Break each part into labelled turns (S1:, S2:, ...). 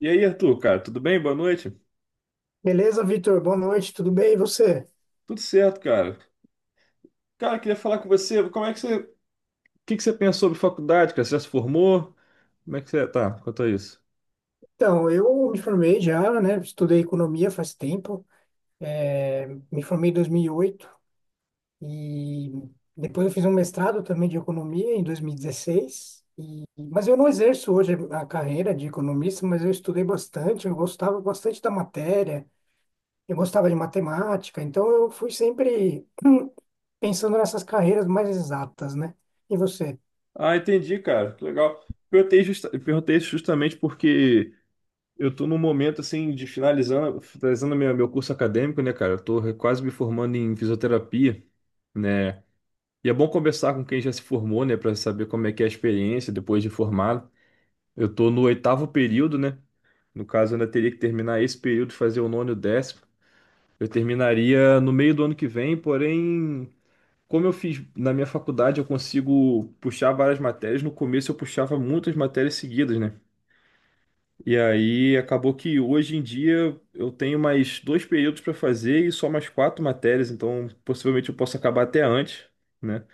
S1: E aí, Arthur, cara, tudo bem? Boa noite.
S2: Beleza, Vitor? Boa noite, tudo bem? E você?
S1: Tudo certo, cara. Cara, queria falar com você. Como é que o que que você pensa sobre faculdade, cara? Você já se formou? Como é que você tá quanto a isso?
S2: Então, eu me formei já, né? Estudei economia faz tempo, me formei em 2008 e oito e depois eu fiz um mestrado também de economia em 2016. E- dezesseis. Mas eu não exerço hoje a carreira de economista, mas eu estudei bastante, eu gostava bastante da matéria, eu gostava de matemática, então eu fui sempre pensando nessas carreiras mais exatas, né? E você?
S1: Ah, entendi, cara. Que legal. Perguntei, perguntei isso justamente porque eu tô num momento assim de finalizando meu curso acadêmico, né, cara? Eu tô quase me formando em fisioterapia, né? E é bom conversar com quem já se formou, né, pra saber como é que é a experiência depois de formado. Eu tô no oitavo período, né? No caso, eu ainda teria que terminar esse período, fazer o nono e o 10º. Eu terminaria no meio do ano que vem, porém, como eu fiz na minha faculdade, eu consigo puxar várias matérias. No começo, eu puxava muitas matérias seguidas, né? E aí acabou que hoje em dia eu tenho mais dois períodos para fazer e só mais quatro matérias, então possivelmente eu posso acabar até antes. Né?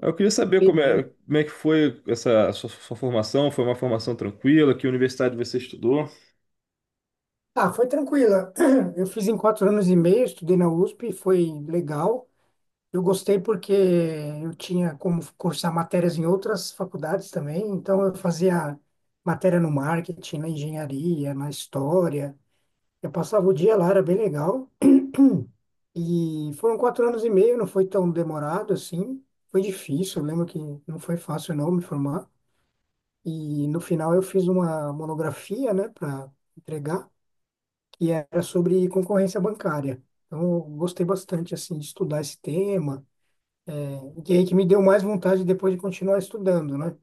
S1: Eu queria saber como é,
S2: Entendi.
S1: como é que foi essa sua formação. Foi uma formação tranquila? Que universidade você estudou?
S2: Ah, foi tranquila. Eu fiz em 4 anos e meio, estudei na USP, foi legal. Eu gostei porque eu tinha como cursar matérias em outras faculdades também, então eu fazia matéria no marketing, na engenharia, na história. Eu passava o dia lá, era bem legal. E foram 4 anos e meio, não foi tão demorado assim. Foi difícil, eu lembro que não foi fácil não me formar. E no final eu fiz uma monografia, né, para entregar, que era sobre concorrência bancária. Então eu gostei bastante assim de estudar esse tema. O que que me deu mais vontade depois de continuar estudando, né?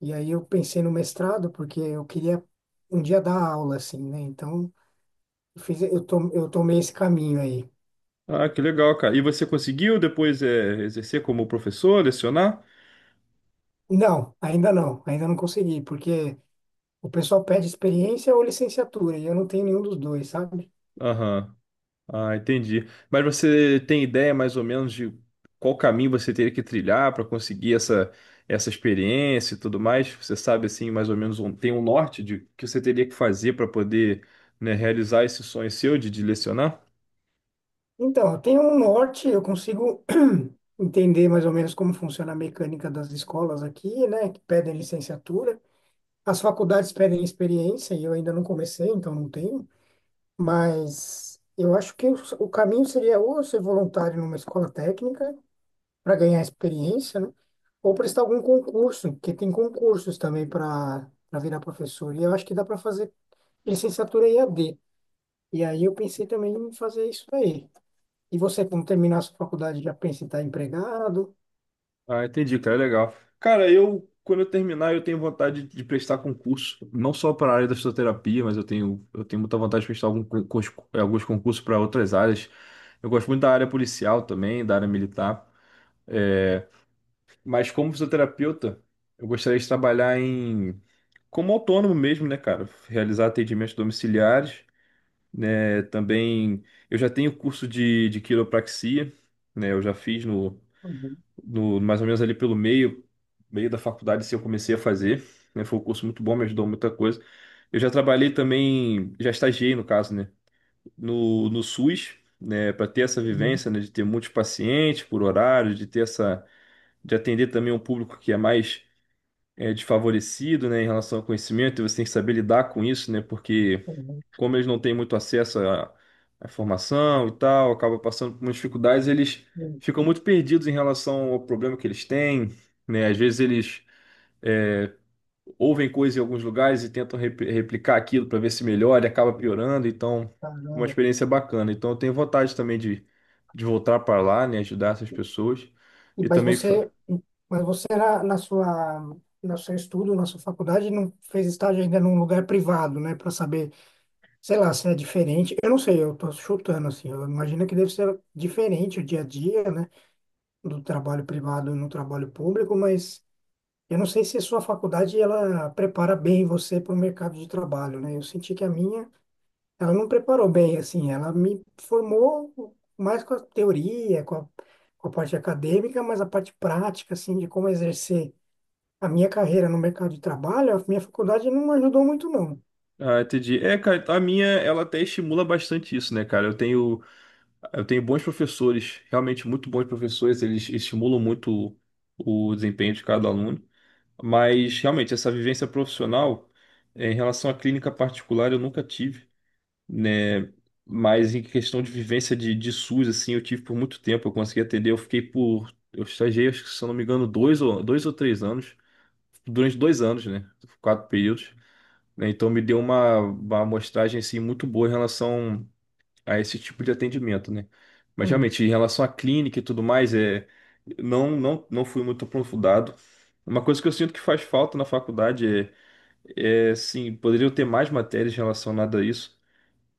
S2: E aí eu pensei no mestrado, porque eu queria um dia dar aula, assim, né? Então, eu fiz, eu, to, eu tomei esse caminho aí.
S1: Ah, que legal, cara. E você conseguiu depois exercer como professor, lecionar?
S2: Não, ainda não, ainda não consegui, porque o pessoal pede experiência ou licenciatura, e eu não tenho nenhum dos dois, sabe?
S1: Aham. Ah, entendi. Mas você tem ideia mais ou menos de qual caminho você teria que trilhar para conseguir essa experiência e tudo mais? Você sabe, assim, mais ou menos, um, tem um norte de que você teria que fazer para poder, né, realizar esse sonho seu de lecionar?
S2: Então, eu tenho um norte, eu consigo entender mais ou menos como funciona a mecânica das escolas aqui, né? Que pedem licenciatura. As faculdades pedem experiência, e eu ainda não comecei, então não tenho. Mas eu acho que o caminho seria ou eu ser voluntário numa escola técnica para ganhar experiência, né? Ou prestar algum concurso, porque tem concursos também para virar professor. E eu acho que dá para fazer licenciatura e EAD. E aí eu pensei também em fazer isso aí. E você, quando terminar a sua faculdade, já pensa em estar empregado?
S1: Ah, entendi, cara, legal. Cara, quando eu terminar, eu tenho vontade de prestar concurso, não só para a área da fisioterapia, mas eu tenho muita vontade de prestar algum alguns concursos para outras áreas. Eu gosto muito da área policial também, da área militar. É, mas como fisioterapeuta, eu gostaria de trabalhar como autônomo mesmo, né, cara? Realizar atendimentos domiciliares, né? Também, eu já tenho curso de quiropraxia, né? Eu já fiz no
S2: Uhum,
S1: no, mais ou menos ali pelo meio da faculdade, se eu comecei a fazer, né? Foi um curso muito bom, me ajudou muita coisa. Eu já trabalhei também, já estagiei no caso, né? No SUS, né? Para ter essa
S2: uhum,
S1: vivência, né? De ter muitos pacientes por horário, de atender também um público que é mais desfavorecido, né? Em relação ao conhecimento, e você tem que saber lidar com isso, né? Porque
S2: uhum,
S1: como eles não têm muito acesso à informação e tal, acaba passando por umas dificuldades, eles
S2: uhum.
S1: ficam muito perdidos em relação ao problema que eles têm, né? Às vezes eles é, ouvem coisas em alguns lugares e tentam replicar aquilo para ver se melhora e acaba piorando, então é uma
S2: Caramba.
S1: experiência bacana. Então eu tenho vontade também de voltar para lá, né? Ajudar essas pessoas e
S2: Mas
S1: também
S2: você, mas você na, na sua, no seu estudo, na sua faculdade, não fez estágio ainda num lugar privado, né? Para saber, sei lá, se é diferente. Eu não sei, eu tô chutando assim. Eu imagino que deve ser diferente o dia a dia, né? Do trabalho privado no trabalho público, mas eu não sei se a sua faculdade ela prepara bem você para o mercado de trabalho, né? Eu senti que a minha ela não preparou bem, assim, ela me formou mais com a teoria, com a parte acadêmica, mas a parte prática, assim, de como exercer a minha carreira no mercado de trabalho, a minha faculdade não ajudou muito, não.
S1: ah, entendi. É, cara, a minha, ela até estimula bastante isso, né, cara? Eu tenho bons professores, realmente muito bons professores, eles estimulam muito o desempenho de cada aluno, mas realmente essa vivência profissional, em relação à clínica particular, eu nunca tive, né? Mas em questão de vivência de SUS, assim, eu tive por muito tempo, eu consegui atender, eu fiquei eu estagiei, acho que, se eu não me engano, dois ou três anos, durante 2 anos, né? Quatro períodos, né? Então me deu uma amostragem, assim, muito boa em relação a esse tipo de atendimento, né? Mas
S2: Uhum.
S1: realmente, em relação à clínica e tudo mais, não, não, não fui muito aprofundado. Uma coisa que eu sinto que faz falta na faculdade é sim, poderiam ter mais matérias relacionadas a isso,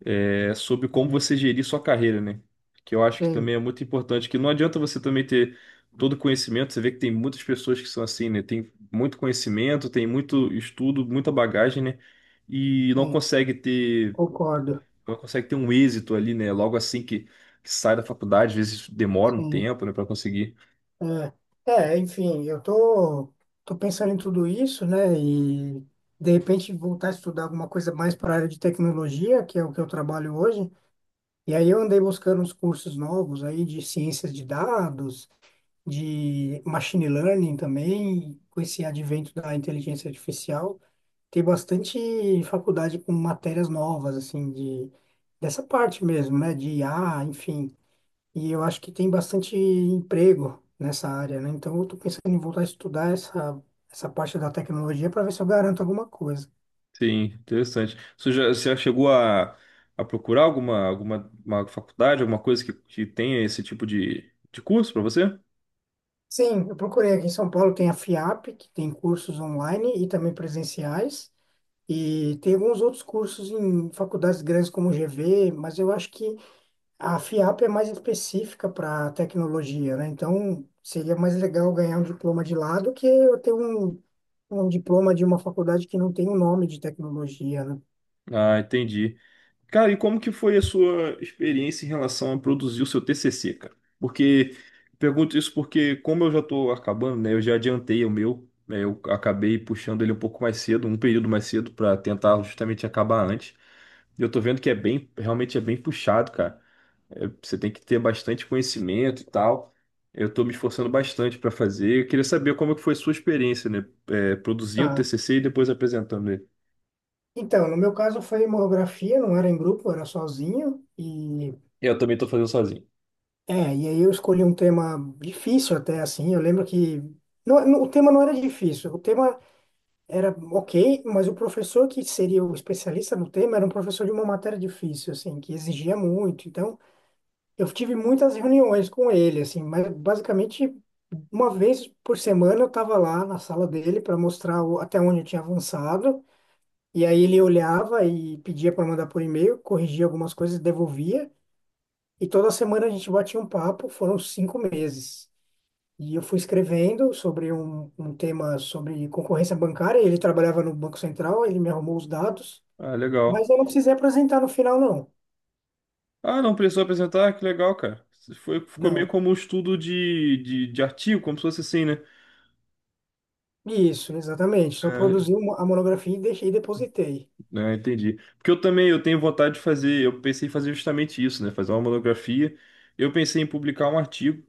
S1: sobre como você gerir sua carreira, né? Que eu acho que também
S2: Sim,
S1: é muito importante, que não adianta você também ter todo o conhecimento, você vê que tem muitas pessoas que são assim, né? Tem muito conhecimento, tem muito estudo, muita bagagem, né? E não
S2: sim,
S1: consegue ter,
S2: concordo,
S1: ela consegue ter um êxito ali, né? Logo assim que sai da faculdade, às vezes demora um
S2: sim.
S1: tempo, né, para conseguir.
S2: É, é, enfim, eu tô pensando em tudo isso, né, e de repente voltar a estudar alguma coisa mais para a área de tecnologia, que é o que eu trabalho hoje. E aí eu andei buscando uns cursos novos aí de ciências de dados, de machine learning também, com esse advento da inteligência artificial, tem bastante faculdade com matérias novas assim de dessa parte mesmo, né, de IA, enfim. E eu acho que tem bastante emprego nessa área, né? Então eu tô pensando em voltar a estudar essa parte da tecnologia para ver se eu garanto alguma coisa.
S1: Sim, interessante. Você já chegou a procurar alguma, alguma uma faculdade, alguma coisa que tenha esse tipo de curso para você?
S2: Sim, eu procurei aqui em São Paulo, tem a FIAP, que tem cursos online e também presenciais. E tem alguns outros cursos em faculdades grandes como o GV, mas eu acho que a FIAP é mais específica para tecnologia, né? Então, seria mais legal ganhar um diploma de lá do que eu ter um diploma de uma faculdade que não tem o nome de tecnologia, né?
S1: Ah, entendi. Cara, e como que foi a sua experiência em relação a produzir o seu TCC, cara? Porque pergunto isso porque como eu já estou acabando, né? Eu já adiantei o meu, né? Eu acabei puxando ele um pouco mais cedo, um período mais cedo para tentar justamente acabar antes. E eu tô vendo que é bem, realmente é bem puxado, cara. É, você tem que ter bastante conhecimento e tal. Eu tô me esforçando bastante para fazer. Eu queria saber como é que foi a sua experiência, né? É, produzindo
S2: Tá.
S1: TCC e depois apresentando ele.
S2: Então, no meu caso foi monografia, não era em grupo, era sozinho. E,
S1: Eu também tô fazendo sozinho.
S2: e aí eu escolhi um tema difícil até, assim. Eu lembro que... Não, não, o tema não era difícil, o tema era ok, mas o professor que seria o especialista no tema era um professor de uma matéria difícil, assim, que exigia muito. Então, eu tive muitas reuniões com ele, assim, mas basicamente uma vez por semana eu estava lá na sala dele para mostrar o- até onde eu tinha avançado. E aí ele olhava e pedia para mandar por e-mail, corrigia algumas coisas, devolvia. E toda semana a gente batia um papo, foram 5 meses. E eu fui escrevendo sobre um tema sobre concorrência bancária. Ele trabalhava no Banco Central, ele me arrumou os dados,
S1: Ah,
S2: mas
S1: legal.
S2: eu não precisei apresentar no final, não.
S1: Ah, não precisou apresentar? Que legal, cara. Foi, ficou meio
S2: Não.
S1: como um estudo de artigo, como se fosse assim, né?
S2: Isso, exatamente. Só
S1: É,
S2: produzi uma- a monografia e deixei e depositei.
S1: é, entendi. Porque eu também eu tenho vontade de fazer, eu pensei em fazer justamente isso, né? Fazer uma monografia. Eu pensei em publicar um artigo,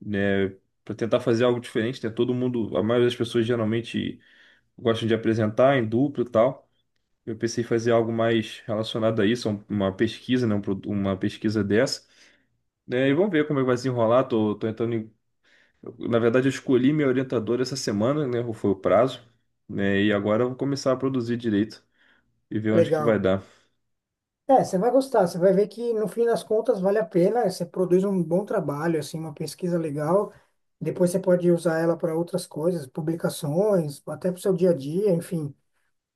S1: né? Para tentar fazer algo diferente, né? Todo mundo, a maioria das pessoas geralmente gostam de apresentar em duplo e tal. Eu pensei em fazer algo mais relacionado a isso, uma pesquisa, né? Uma pesquisa dessa, né? E vamos ver como é que vai se enrolar. Tô, tô entrando em Na verdade, eu escolhi meu orientador essa semana, né? Foi o prazo, né? E agora eu vou começar a produzir direito e ver onde que vai
S2: Legal.
S1: dar.
S2: É, você vai gostar, você vai ver que no fim das contas vale a pena, você produz um bom trabalho, assim, uma pesquisa legal. Depois você pode usar ela para outras coisas, publicações, até para o seu dia a dia, enfim.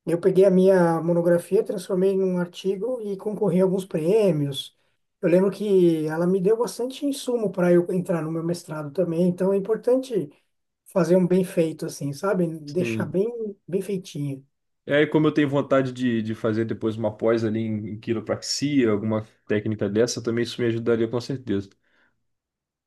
S2: Eu peguei a minha monografia, transformei em um artigo e concorri a alguns prêmios. Eu lembro que ela me deu bastante insumo para eu entrar no meu mestrado também, então é importante fazer um bem feito assim, sabe? Deixar
S1: Sim.
S2: bem, bem feitinho.
S1: E aí, como eu tenho vontade de fazer depois uma pós ali em quiropraxia, alguma técnica dessa, também isso me ajudaria com certeza.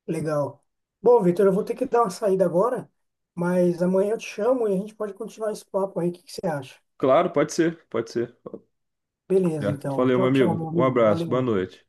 S2: Legal. Bom, Vitor, eu vou ter que dar uma saída agora, mas amanhã eu te chamo e a gente pode continuar esse papo aí. O que que você acha?
S1: Claro, pode ser, pode ser. Tudo
S2: Beleza,
S1: certo.
S2: então.
S1: Valeu, meu
S2: Tchau, tchau, meu
S1: amigo. Um
S2: amigo.
S1: abraço, boa
S2: Valeu.
S1: noite.